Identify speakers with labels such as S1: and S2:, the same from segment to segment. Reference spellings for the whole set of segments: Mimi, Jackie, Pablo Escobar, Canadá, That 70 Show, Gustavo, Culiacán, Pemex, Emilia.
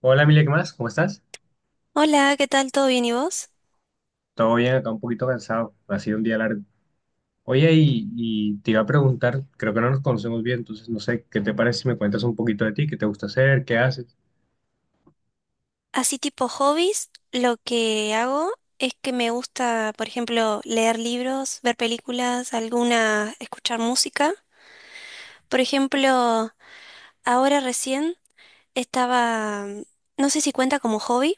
S1: Hola, Emilia, ¿qué más? ¿Cómo estás?
S2: Hola, ¿qué tal? ¿Todo bien y vos?
S1: Todo bien, acá un poquito cansado. Ha sido un día largo. Oye, y te iba a preguntar, creo que no nos conocemos bien, entonces no sé, ¿qué te parece si me cuentas un poquito de ti? ¿Qué te gusta hacer? ¿Qué haces?
S2: Así tipo hobbies, lo que hago es que me gusta, por ejemplo, leer libros, ver películas, alguna, escuchar música. Por ejemplo, ahora recién estaba, no sé si cuenta como hobby,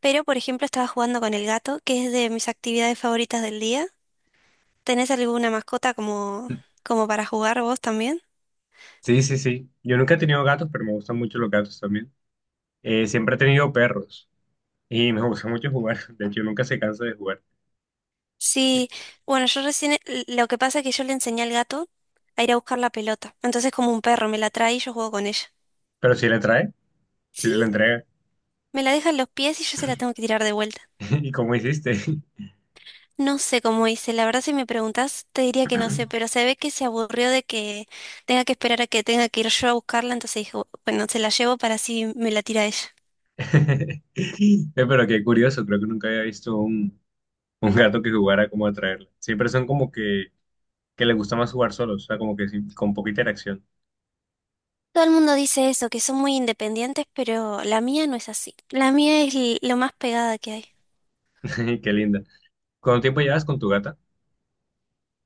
S2: pero por ejemplo estaba jugando con el gato, que es de mis actividades favoritas del día. ¿Tenés alguna mascota como para jugar vos también?
S1: Sí, sí, sí. Yo nunca he tenido gatos, pero me gustan mucho los gatos también. Siempre he tenido perros y me gusta mucho jugar. De hecho, nunca se cansa de jugar.
S2: Sí, bueno, yo recién, lo que pasa es que yo le enseñé al gato a ir a buscar la pelota. Entonces como un perro, me la trae y yo juego con ella.
S1: Pero si le trae, si se
S2: Sí,
S1: le entrega.
S2: me la deja en los pies y yo se la tengo que tirar de vuelta.
S1: ¿Y cómo hiciste?
S2: No sé cómo hice, la verdad si me preguntas te diría que no sé, pero se ve que se aburrió de que tenga que esperar a que tenga que ir yo a buscarla, entonces dijo, bueno, se la llevo para así me la tira ella.
S1: Pero qué curioso, creo que nunca había visto un gato que jugara como a traerla. Siempre son como que le gusta más jugar solo, o sea, como que sí, con poquita interacción.
S2: Todo el mundo dice eso, que son muy independientes, pero la mía no es así. La mía es lo más pegada que hay.
S1: Qué linda. ¿Cuánto tiempo llevas con tu gata?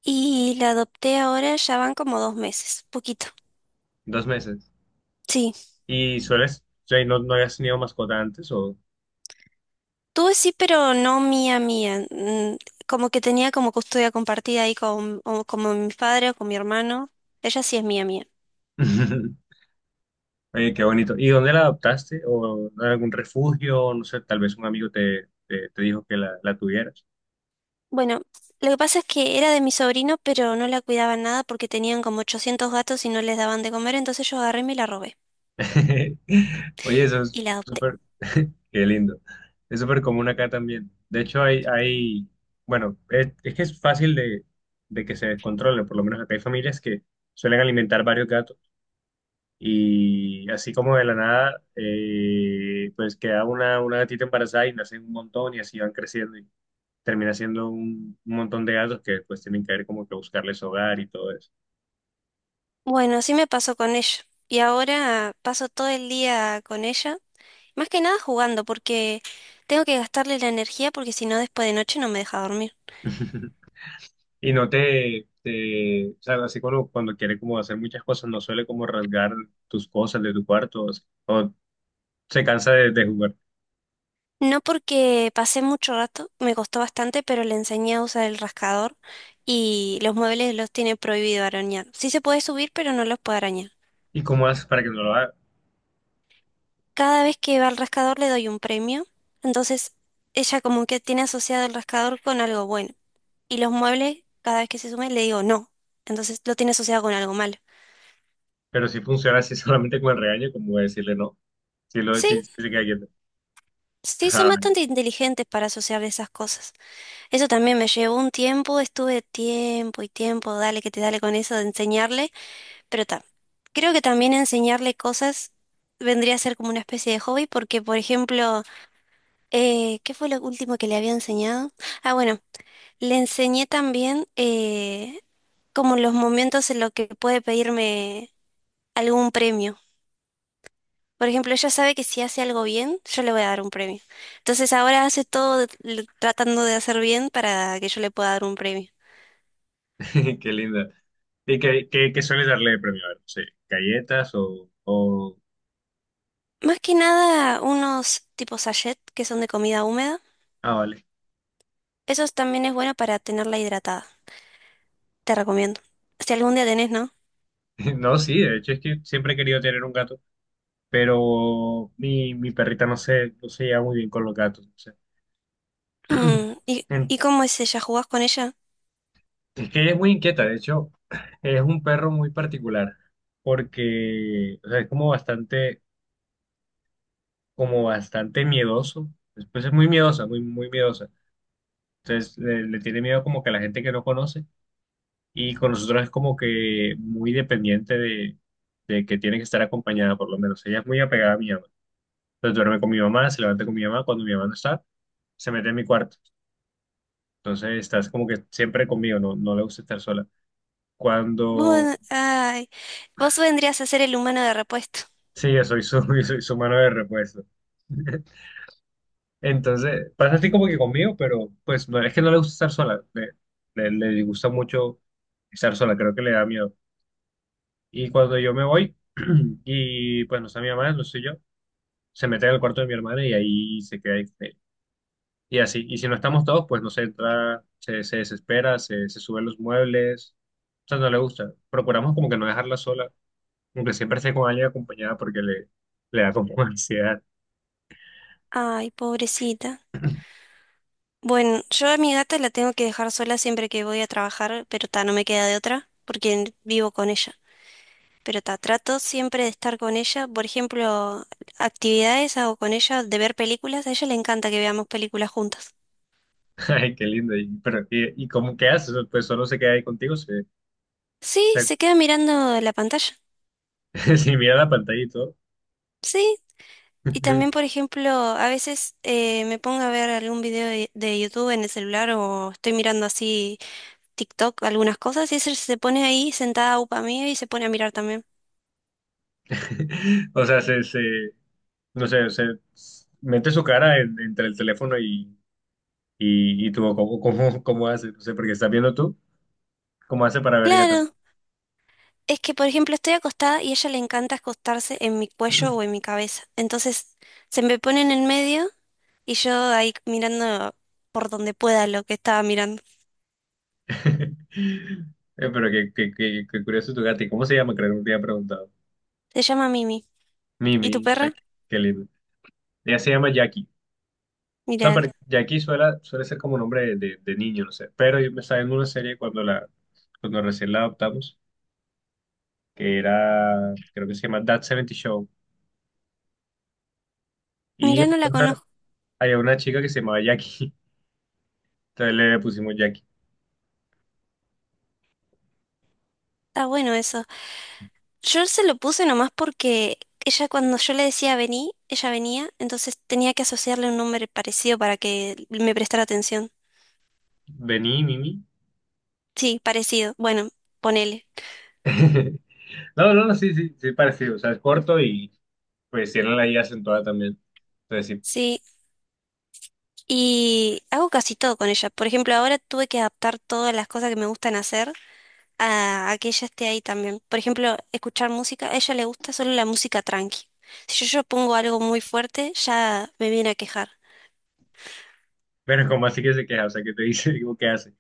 S2: Y la adopté ahora, ya van como 2 meses, poquito.
S1: Dos meses.
S2: Sí,
S1: ¿Y sueles, o sea, no habías tenido mascota antes o...?
S2: tuve sí, pero no mía, mía. Como que tenía como custodia compartida ahí con, o como mi padre o con mi hermano. Ella sí es mía, mía.
S1: Oye, qué bonito. ¿Y dónde la adoptaste? ¿O en algún refugio? No sé, tal vez un amigo te dijo que la tuvieras.
S2: Bueno, lo que pasa es que era de mi sobrino, pero no la cuidaban nada porque tenían como 800 gatos y no les daban de comer, entonces yo agarré y me la robé
S1: Oye, eso
S2: y
S1: es
S2: la adopté.
S1: súper... Qué lindo. Es súper común acá también. De hecho, bueno, es que es fácil de que se descontrole. Por lo menos acá hay familias que suelen alimentar varios gatos. Y así como de la nada, pues queda una gatita embarazada y nacen un montón y así van creciendo y termina siendo un montón de gatos que después tienen que ver como que buscarles hogar y todo eso.
S2: Bueno, así me pasó con ella. Y ahora paso todo el día con ella, más que nada jugando porque tengo que gastarle la energía porque si no después de noche no me deja dormir.
S1: Y no te, o sea, así cuando quiere como hacer muchas cosas, no suele como rasgar tus cosas de tu cuarto o se cansa de jugar.
S2: No porque pasé mucho rato, me costó bastante, pero le enseñé a usar el rascador y los muebles los tiene prohibido arañar. Sí se puede subir, pero no los puede arañar.
S1: ¿Y cómo haces para que no lo haga?
S2: Cada vez que va al rascador le doy un premio, entonces ella como que tiene asociado el rascador con algo bueno. Y los muebles, cada vez que se sume, le digo no, entonces lo tiene asociado con algo malo.
S1: Pero si funciona así solamente con el regaño, como decirle no, si lo
S2: Sí,
S1: si, si se queda quieto.
S2: sí, son bastante inteligentes para asociar esas cosas. Eso también me llevó un tiempo, estuve tiempo y tiempo, dale que te dale con eso de enseñarle. Pero creo que también enseñarle cosas vendría a ser como una especie de hobby, porque, por ejemplo, ¿qué fue lo último que le había enseñado? Ah, bueno, le enseñé también como los momentos en los que puede pedirme algún premio. Por ejemplo, ella sabe que si hace algo bien, yo le voy a dar un premio. Entonces ahora hace tratando de hacer bien para que yo le pueda dar un premio.
S1: Qué linda. ¿Y qué sueles darle de premio? A ver, no sé, galletas o...
S2: Más que nada, unos tipos sachet que son de comida húmeda.
S1: Ah, vale.
S2: Eso también es bueno para tenerla hidratada. Te recomiendo. Si algún día tenés, ¿no?
S1: No, sí, de hecho es que siempre he querido tener un gato, pero mi perrita no no se lleva muy bien con los gatos. No sé.
S2: Mm, ¿y,
S1: En-
S2: y cómo es ella? ¿Jugás con ella?
S1: Es que ella es muy inquieta, de hecho, es un perro muy particular, porque o sea, es como bastante miedoso. Después es muy miedosa, muy miedosa. Entonces le tiene miedo como que a la gente que no conoce. Y con nosotros es como que muy dependiente de que tiene que estar acompañada, por lo menos. Ella es muy apegada a mi mamá. Entonces duerme con mi mamá, se levanta con mi mamá. Cuando mi mamá no está, se mete en mi cuarto. Entonces estás como que siempre conmigo, no, no le gusta estar sola. Cuando...
S2: Vos, ay, vos vendrías a ser el humano de repuesto.
S1: Sí, yo soy yo soy su mano de repuesto. Entonces pasa así como que conmigo, pero pues no es que no le gusta estar sola. Le disgusta mucho estar sola, creo que le da miedo. Y cuando yo me voy, y pues no está mi mamá, no soy yo. Se mete al cuarto de mi hermana y ahí se queda. Y así, y si no estamos todos, pues no sé, entra, se desespera, se sube los muebles, o sea, no le gusta. Procuramos como que no dejarla sola, aunque siempre esté con alguien acompañada porque le da como ansiedad.
S2: Ay, pobrecita. Bueno, yo a mi gata la tengo que dejar sola siempre que voy a trabajar, pero ta, no me queda de otra, porque vivo con ella. Pero ta, trato siempre de estar con ella. Por ejemplo, actividades hago con ella, de ver películas. A ella le encanta que veamos películas juntas.
S1: Ay, qué lindo. Y, pero, y cómo qué haces? Pues solo se queda ahí contigo,
S2: Sí,
S1: se,
S2: se queda mirando la pantalla.
S1: si mira la pantalla y todo.
S2: Sí, y también, por ejemplo, a veces me pongo a ver algún video de YouTube en el celular o estoy mirando así TikTok, algunas cosas, y ese se pone ahí sentada upa mía y se pone a mirar también.
S1: O sea, no sé, se mete su cara entre el teléfono y tú, cómo haces? No sé, porque estás viendo tú. ¿Cómo hace para ver ella también?
S2: Claro, es que, por ejemplo, estoy acostada y a ella le encanta acostarse en mi cuello o en mi cabeza. Entonces, se me pone en el medio y yo ahí mirando por donde pueda lo que estaba mirando.
S1: Pero qué curioso tu gata. ¿Y cómo se llama? Creo que no te había preguntado.
S2: Se llama Mimi. ¿Y tu
S1: Mimi. Ay,
S2: perra?
S1: qué lindo. Ella se llama Jackie. No,
S2: Mirá,
S1: pero Jackie suele, suele ser como nombre de, de niño, no sé. Pero yo me estaba viendo una serie cuando recién la adoptamos, que era, creo que se llama That 70 Show. Y
S2: mirá, no la conozco.
S1: había una chica que se llamaba Jackie. Entonces le pusimos Jackie.
S2: Está bueno eso. Yo se lo puse nomás porque ella cuando yo le decía vení, ella venía, entonces tenía que asociarle un nombre parecido para que me prestara atención.
S1: Vení, Mimi.
S2: Sí, parecido. Bueno, ponele.
S1: No, no, no, sí, sí, sí, parecido. O sea, es corto y pues tiene la I acentuada también. Entonces sí.
S2: Sí, y hago casi todo con ella. Por ejemplo, ahora tuve que adaptar todas las cosas que me gustan hacer a que ella esté ahí también. Por ejemplo, escuchar música, a ella le gusta solo la música tranqui. Si yo pongo algo muy fuerte, ya me viene a quejar.
S1: Pero, como así que se queja, o sea, que te dice, digo, ¿qué hace?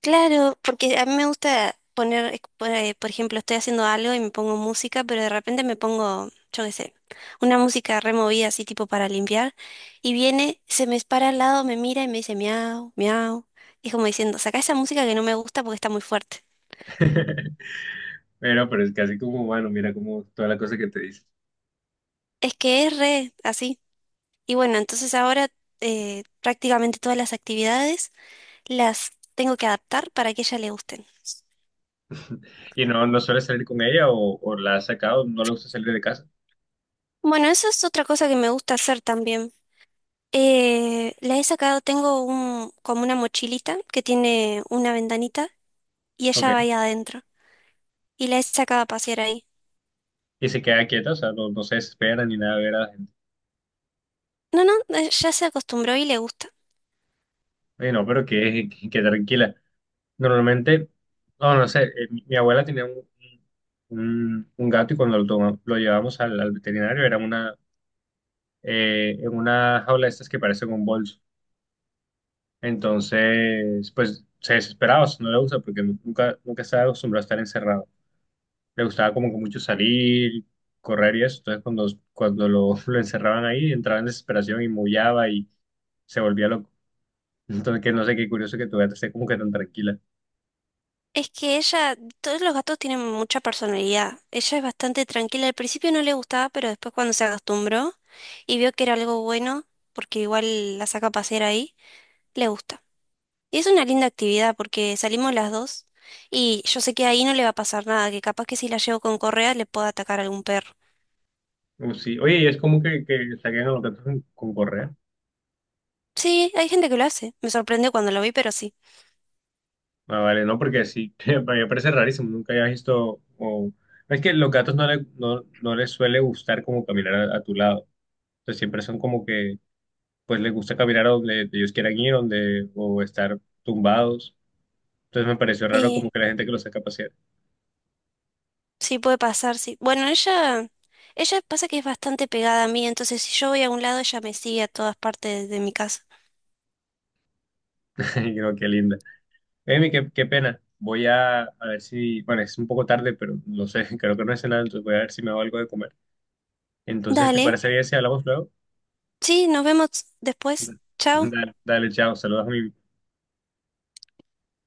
S2: Claro, porque a mí me gusta poner, por ejemplo, estoy haciendo algo y me pongo música, pero de repente me pongo, yo qué sé, una música removida así tipo para limpiar, y viene, se me para al lado, me mira y me dice miau, miau, y es como diciendo, saca esa música que no me gusta porque está muy fuerte.
S1: Pero es casi como bueno, mira como toda la cosa que te dice.
S2: Es que es re así. Y bueno, entonces ahora prácticamente todas las actividades las tengo que adaptar para que a ella le gusten.
S1: Y no, no suele salir con ella o la ha sacado, no le gusta salir de casa.
S2: Bueno, eso es otra cosa que me gusta hacer también. La he sacado, tengo un, como una mochilita que tiene una ventanita y
S1: Ok.
S2: ella va ahí adentro. Y la he sacado a pasear ahí.
S1: Y se queda quieta, o sea, no, no se desespera ni nada de ver a la gente.
S2: No, ya se acostumbró y le gusta.
S1: Oye, no, pero que tranquila. Normalmente, no, no sé, mi abuela tenía un gato y cuando lo llevamos al veterinario era una, en una jaula de estas que parece un bolso. Entonces, pues se desesperaba, o sea, no le gusta porque nunca, nunca estaba acostumbrado a estar encerrado. Le gustaba como que mucho salir, correr y eso. Entonces, cuando lo, lo encerraban ahí, entraba en desesperación y maullaba y se volvía loco. Entonces, que no sé qué curioso que tu gata esté como que tan tranquila.
S2: Es que ella, todos los gatos tienen mucha personalidad. Ella es bastante tranquila. Al principio no le gustaba, pero después cuando se acostumbró y vio que era algo bueno, porque igual la saca a pasear ahí, le gusta. Y es una linda actividad porque salimos las dos y yo sé que ahí no le va a pasar nada, que capaz que si la llevo con correa le pueda atacar algún perro.
S1: Sí. Oye, y es como que saquen a los gatos con correa.
S2: Sí, hay gente que lo hace. Me sorprendió cuando lo vi, pero sí.
S1: Ah, vale, no, porque sí, para mí me parece rarísimo. Nunca había visto. O... Es que los gatos no, no, no les suele gustar como caminar a tu lado. Entonces, siempre son como que pues les gusta caminar a donde ellos quieran ir, donde, o estar tumbados. Entonces me pareció raro como
S2: Sí,
S1: que la gente que los saca a pasear.
S2: sí puede pasar, sí. Bueno, ella pasa que es bastante pegada a mí, entonces si yo voy a un lado, ella me sigue a todas partes de mi casa.
S1: Y creo que linda. Amy, qué pena. Voy a ver si, bueno, es un poco tarde, pero no sé, creo que no es nada, entonces voy a ver si me hago algo de comer. Entonces, ¿te
S2: Dale.
S1: parece bien si hablamos luego?
S2: Sí, nos vemos después. Chao.
S1: Dale, dale, chao, saludos a mi